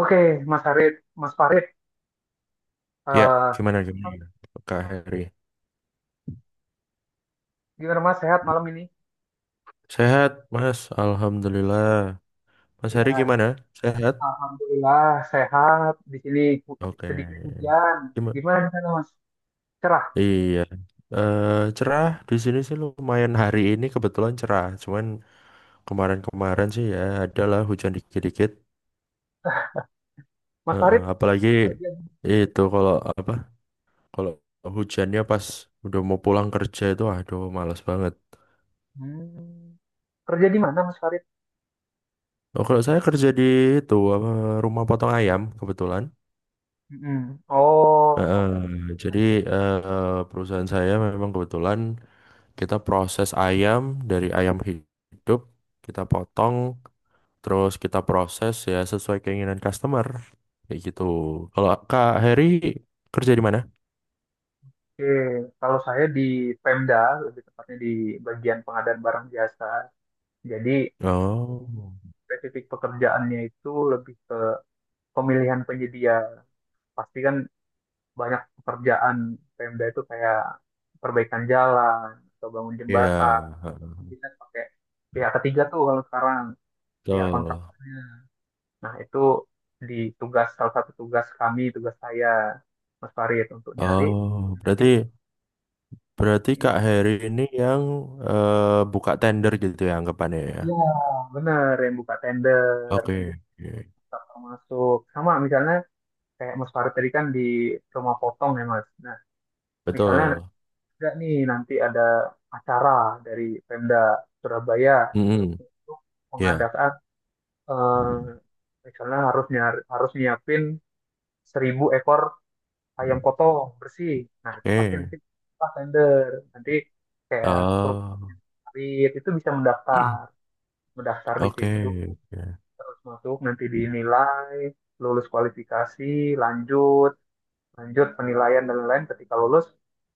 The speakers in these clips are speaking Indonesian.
Oke, Mas Farid, Mas Farid, Ya, eh, gimana gimana? Kak Heri. gimana Mas sehat malam ini? Sehat, Mas. Alhamdulillah. Mas Heri Ya, gimana? Sehat? alhamdulillah sehat. Di sini hu- Oke. sedikit hujan. Gimana? Gimana di sana Mas? Cerah. Iya. Eh, cerah di sini sih lumayan hari ini kebetulan cerah. Cuman kemarin-kemarin sih ya adalah hujan dikit-dikit. Mas Heeh, Farid apalagi kerja di, itu kalau apa? Kalau hujannya pas udah mau pulang kerja itu aduh males banget. Hmm, Kerja di mana Mas Farid? Oh, kalau saya kerja di itu apa, rumah potong ayam kebetulan. Mm-mm. Oh, Heeh, jadi perusahaan saya memang kebetulan kita proses ayam dari ayam hidup, kita potong, terus kita proses ya sesuai keinginan customer. Kayak gitu. Kalau Kak Heri kerja di mana? oke. Kalau saya di Pemda, lebih tepatnya di bagian pengadaan barang jasa. Jadi Oh, spesifik pekerjaannya itu lebih ke pemilihan penyedia. Pasti kan banyak pekerjaan Pemda itu kayak perbaikan jalan atau bangun ya, jembatan, heeh, bisa pakai pihak ketiga tuh kalau sekarang pihak betul. kontraktornya. Nah, itu di tugas salah satu tugas kami tugas saya Mas Farid untuk nyari. Oh, berarti berarti Mm. Kak Heri ini yang eh, buka tender gitu ya anggapannya ya. Iya, bener, yang buka tender Oke, oke. masuk sama misalnya kayak Mas Farid tadi kan di rumah potong ya Mas. Nah, misalnya Betul. ada nih nanti ada acara dari Pemda Surabaya Mm-mm, untuk ya, mengadakan, eh, misalnya harus nyari, harus nyiapin 1.000 ekor ayam potong bersih. Nah, itu pasti oke. nanti pas tender. Nanti kayak Oh, Rit itu bisa mendaftar, mendaftar di oke. situ, Oke. terus masuk, nanti dinilai, lulus kualifikasi, lanjut, lanjut penilaian dan lain-lain. Ketika lulus,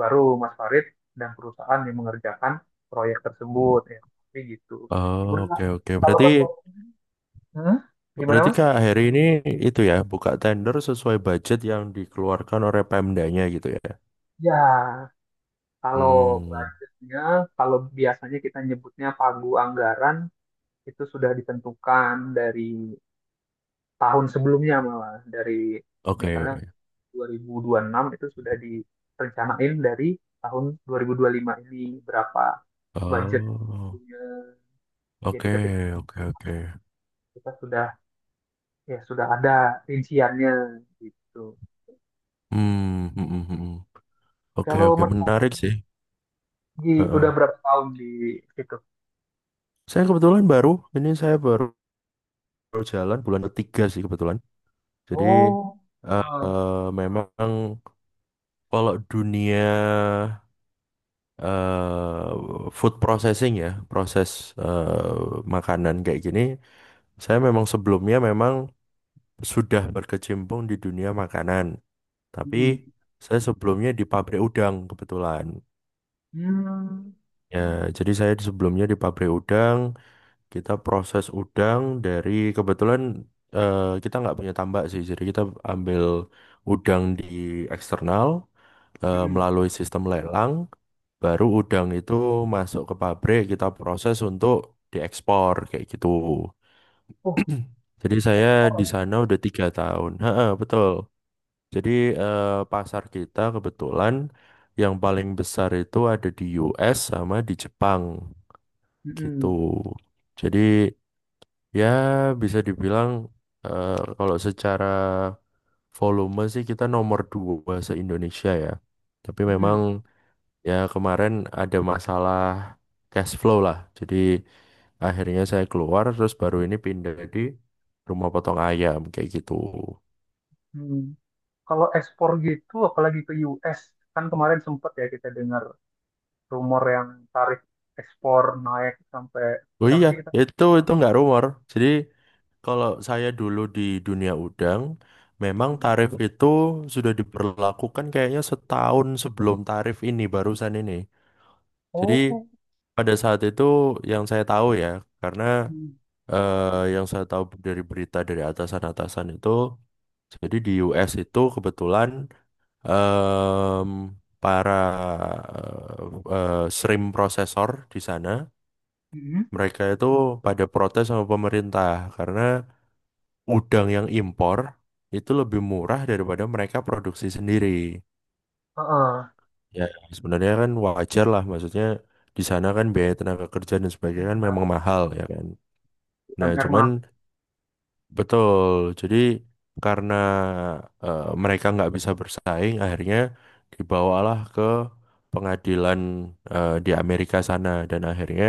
baru Mas Farid dan perusahaan yang mengerjakan proyek tersebut. Ya, tapi gitu. Oh, Udah. oke oke. kalau Berarti Mas, Farid- hmm? Gimana berarti Mas? Kak Heri ini itu ya buka tender sesuai budget yang dikeluarkan oleh Pemdanya gitu ya. Ya, Kalau Hmm, budgetnya, kalau biasanya kita nyebutnya pagu anggaran, itu sudah ditentukan dari tahun sebelumnya malah. Dari misalnya oke. 2006 itu sudah direncanain dari tahun 2005 ini berapa budget Oh, pagunya. Jadi oke ketika oke oke. kita sudah, ya, sudah ada rinciannya gitu. Hmm, hmm, hmm, hmm, hmm. Oke Kalau oke, Mas Farid, menarik sih. di udah Heeh. berapa tahun di situ? Saya kebetulan baru ini saya baru baru jalan bulan ketiga sih kebetulan. Jadi Oh, eh, ah, memang kalau dunia eh food processing ya, proses makanan kayak gini, saya memang sebelumnya memang sudah berkecimpung di dunia makanan. Tapi mm, saya sebelumnya di pabrik udang kebetulan. mm, Ya, jadi saya sebelumnya di pabrik udang, kita proses udang dari kebetulan kita nggak punya tambak sih, jadi kita ambil udang di eksternal mm. melalui sistem lelang. Baru udang itu masuk ke pabrik, kita proses untuk diekspor kayak gitu. Oh, Jadi saya ekspor. di sana udah 3 tahun. Ha, betul. Jadi eh, pasar kita kebetulan yang paling besar itu ada di US sama di Jepang gitu. Mm-mm. Jadi ya bisa dibilang kalau secara volume sih kita nomor dua se-Indonesia ya. Tapi memang. Mm-mm. Ya, kemarin ada masalah cash flow lah. Jadi akhirnya saya keluar terus baru ini pindah di rumah potong ayam kayak gitu. Mm. Kalau ekspor gitu, apalagi ke US, kan kemarin sempet ya kita dengar rumor yang tarif ekspor naik sampai Oh berapa iya, sih kita? itu nggak rumor. Jadi kalau saya dulu di dunia udang, memang Mm. tarif itu sudah diberlakukan kayaknya setahun sebelum tarif ini barusan ini. Jadi Oh, pada saat itu yang saya tahu ya, karena Mm. Yang saya tahu dari berita dari atasan-atasan itu. Jadi di US itu kebetulan em, para shrimp prosesor di sana Mm. mereka itu pada protes sama pemerintah karena udang yang impor itu lebih murah daripada mereka produksi sendiri. Heeh. Ya sebenarnya kan wajar lah maksudnya di sana kan biaya tenaga kerja dan sebagainya kan Iya, memang mahal ya kan. Nah UMR cuman mah. betul. Jadi karena mereka nggak bisa bersaing, akhirnya dibawalah ke pengadilan di Amerika sana dan akhirnya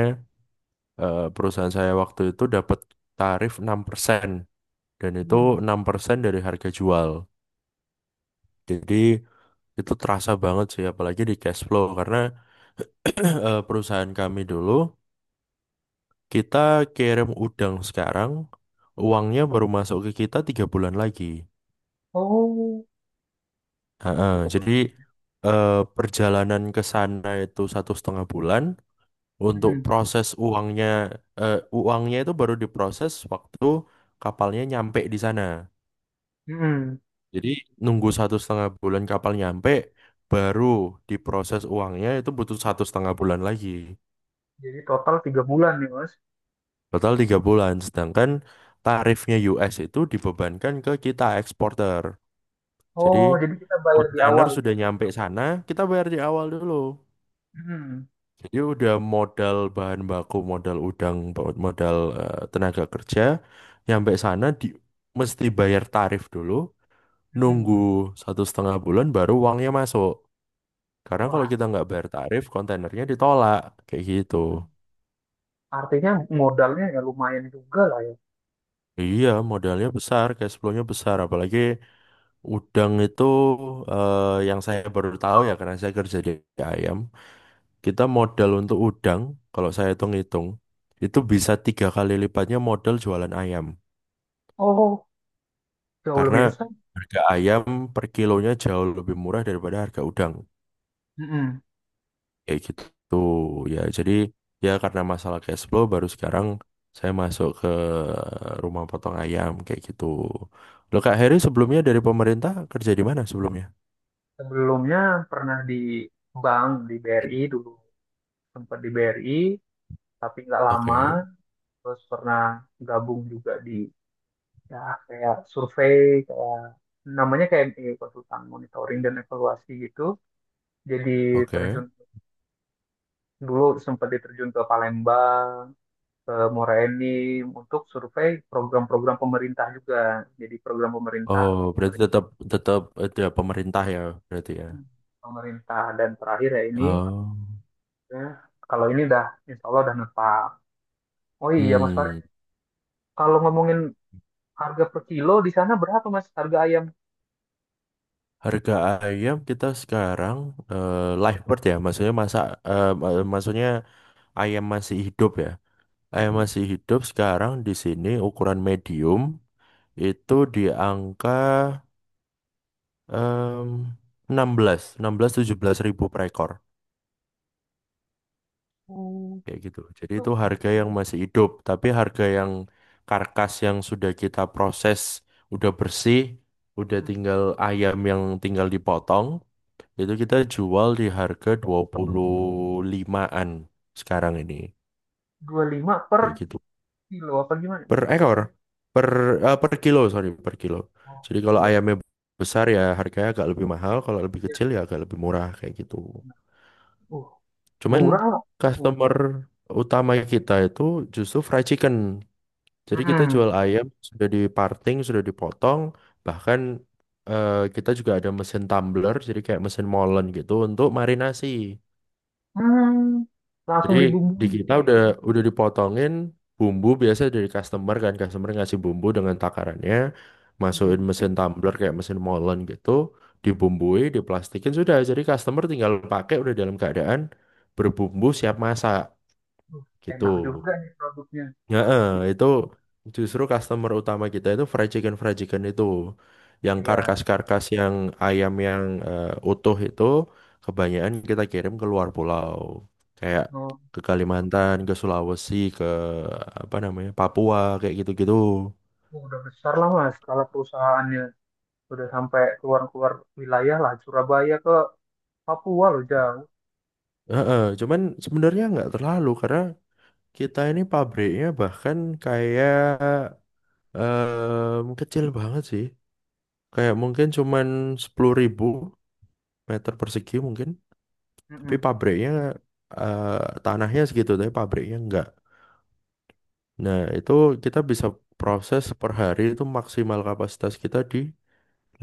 perusahaan saya waktu itu dapat tarif 6% dan itu Mm. 6% dari harga jual. Jadi itu terasa banget sih apalagi di cash flow karena perusahaan kami dulu kita kirim udang sekarang uangnya baru masuk ke kita 3 bulan lagi. Oh, Heeh, cukup. jadi eh, perjalanan ke sana itu 1,5 bulan. Untuk Mm. proses uangnya, uangnya itu baru diproses waktu kapalnya nyampe di sana. Mm. Jadi nunggu 1,5 bulan kapal nyampe, baru diproses uangnya itu butuh 1,5 bulan lagi. Jadi total 3 bulan nih, Mas. Total 3 bulan. Sedangkan tarifnya US itu dibebankan ke kita eksporter. Jadi Oh, jadi kita bayar di kontainer awal sudah gitu. nyampe sana, kita bayar di awal dulu. Mm. Jadi udah modal bahan baku, modal udang, modal tenaga kerja, nyampe sana di mesti bayar tarif dulu, nunggu Mm. 1,5 bulan baru uangnya masuk. Karena kalau Wah, kita nggak bayar tarif, kontainernya ditolak, kayak gitu. mm. artinya modalnya ya lumayan juga lah ya. Iya, modalnya besar, cash flow-nya besar, apalagi udang itu yang saya baru tahu ya karena saya kerja di ayam. Kita modal untuk udang, kalau saya hitung-hitung, itu bisa 3 kali lipatnya modal jualan ayam. Oh, jauh Karena lebih besar. harga ayam per kilonya jauh lebih murah daripada harga udang Mm-mm. kayak gitu ya. Jadi ya karena masalah cash flow baru sekarang saya masuk ke rumah potong ayam kayak gitu. Loh Kak Heri sebelumnya dari pemerintah kerja di mana sebelumnya? Sebelumnya pernah di bank di BRI dulu, sempat di BRI tapi nggak lama. Oke, Terus pernah gabung juga di, ya, kayak survei, kayak namanya kayak konsultan monitoring dan evaluasi gitu. Jadi oke. terjun dulu sempat diterjun ke Palembang, ke Muara Enim untuk survei program-program pemerintah juga. Jadi program pemerintah, Oh, berarti tetap tetap ada pemerintah ya berarti ya. pemerintah dan terakhir ya ini. Oh. Ya, kalau ini dah insya Allah udah menetap. Oh iya Mas Farid, Hmm. kalau ngomongin harga per kilo di sana berapa Mas harga ayam? Harga ayam kita sekarang live bird ya, maksudnya masak maksudnya ayam masih hidup ya. Ayam Mm-mm. masih hidup sekarang di sini ukuran medium itu di angka em, 16, 16 17 ribu per ekor Hmm, kayak gitu. Jadi Itu itu harga yang masih hidup, tapi harga yang karkas yang sudah kita proses udah bersih, udah mm, tinggal ayam yang tinggal dipotong, itu kita jual di harga 25-an sekarang ini. 25 per Kayak gitu. kilo apa gimana, Per Mas? ekor per per kilo, sorry, per kilo. Oh, Jadi per kalau kilo. ayamnya besar ya harganya agak lebih mahal kalau lebih Ya, kecil ya agak lebih murah kayak gitu. benar. Uh, Cuman Murah loh. customer, oh, utama kita itu justru fried chicken. Jadi kita Mm-mm. jual ayam sudah diparting sudah dipotong bahkan kita juga ada mesin tumbler jadi kayak mesin molen gitu untuk marinasi. Hmm, Jadi langsung di dibumbui. kita udah dipotongin bumbu biasa dari customer kan customer ngasih bumbu dengan takarannya masukin Mm-mm. mesin tumbler kayak mesin molen gitu dibumbui diplastikin sudah jadi customer tinggal pakai udah dalam keadaan berbumbu siap masak Uh, gitu. Enak juga nih produknya. Heeh, itu justru customer utama kita itu fried chicken. Fried chicken itu yang Iya, karkas-karkas yang ayam yang utuh itu kebanyakan kita kirim ke luar pulau kayak oh, ke Kalimantan, ke Sulawesi, ke apa namanya Papua kayak gitu-gitu. oh, udah besar lah Mas kalau perusahaannya udah sampai keluar-keluar wilayah lah Surabaya ke Papua loh jauh. Heeh, cuman sebenarnya nggak terlalu karena kita ini pabriknya bahkan kayak kecil banget sih. Kayak mungkin cuman 10.000 meter persegi mungkin. Tapi Mm-mm. pabriknya tanahnya segitu, tapi pabriknya enggak. Nah, itu kita bisa proses per hari itu maksimal kapasitas kita di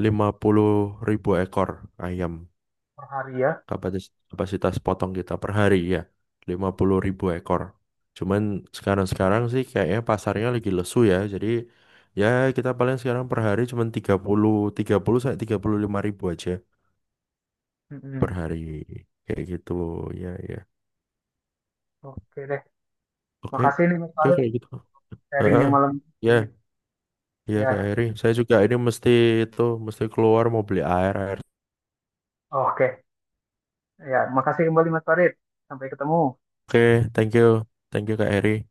50.000 ekor ayam. Per hari ya. Kapasitas potong kita per hari ya, 50.000 ekor. Cuman sekarang-sekarang sih kayaknya pasarnya lagi lesu ya. Jadi ya kita paling sekarang per hari cuman tiga puluh sampai 35.000 aja per Mm-mm. hari. Kayak gitu, ya ya. Oke deh. Oke, Makasih nih Mas oke Farid kayak gitu. Heeh. sharingnya malam. Ya, ya Kak Ya, Eri. Saya juga ini mesti itu mesti keluar mau beli air air. oke. Ya, makasih kembali Mas Farid. Sampai ketemu. Oke, thank you. Thank you Kak Eri.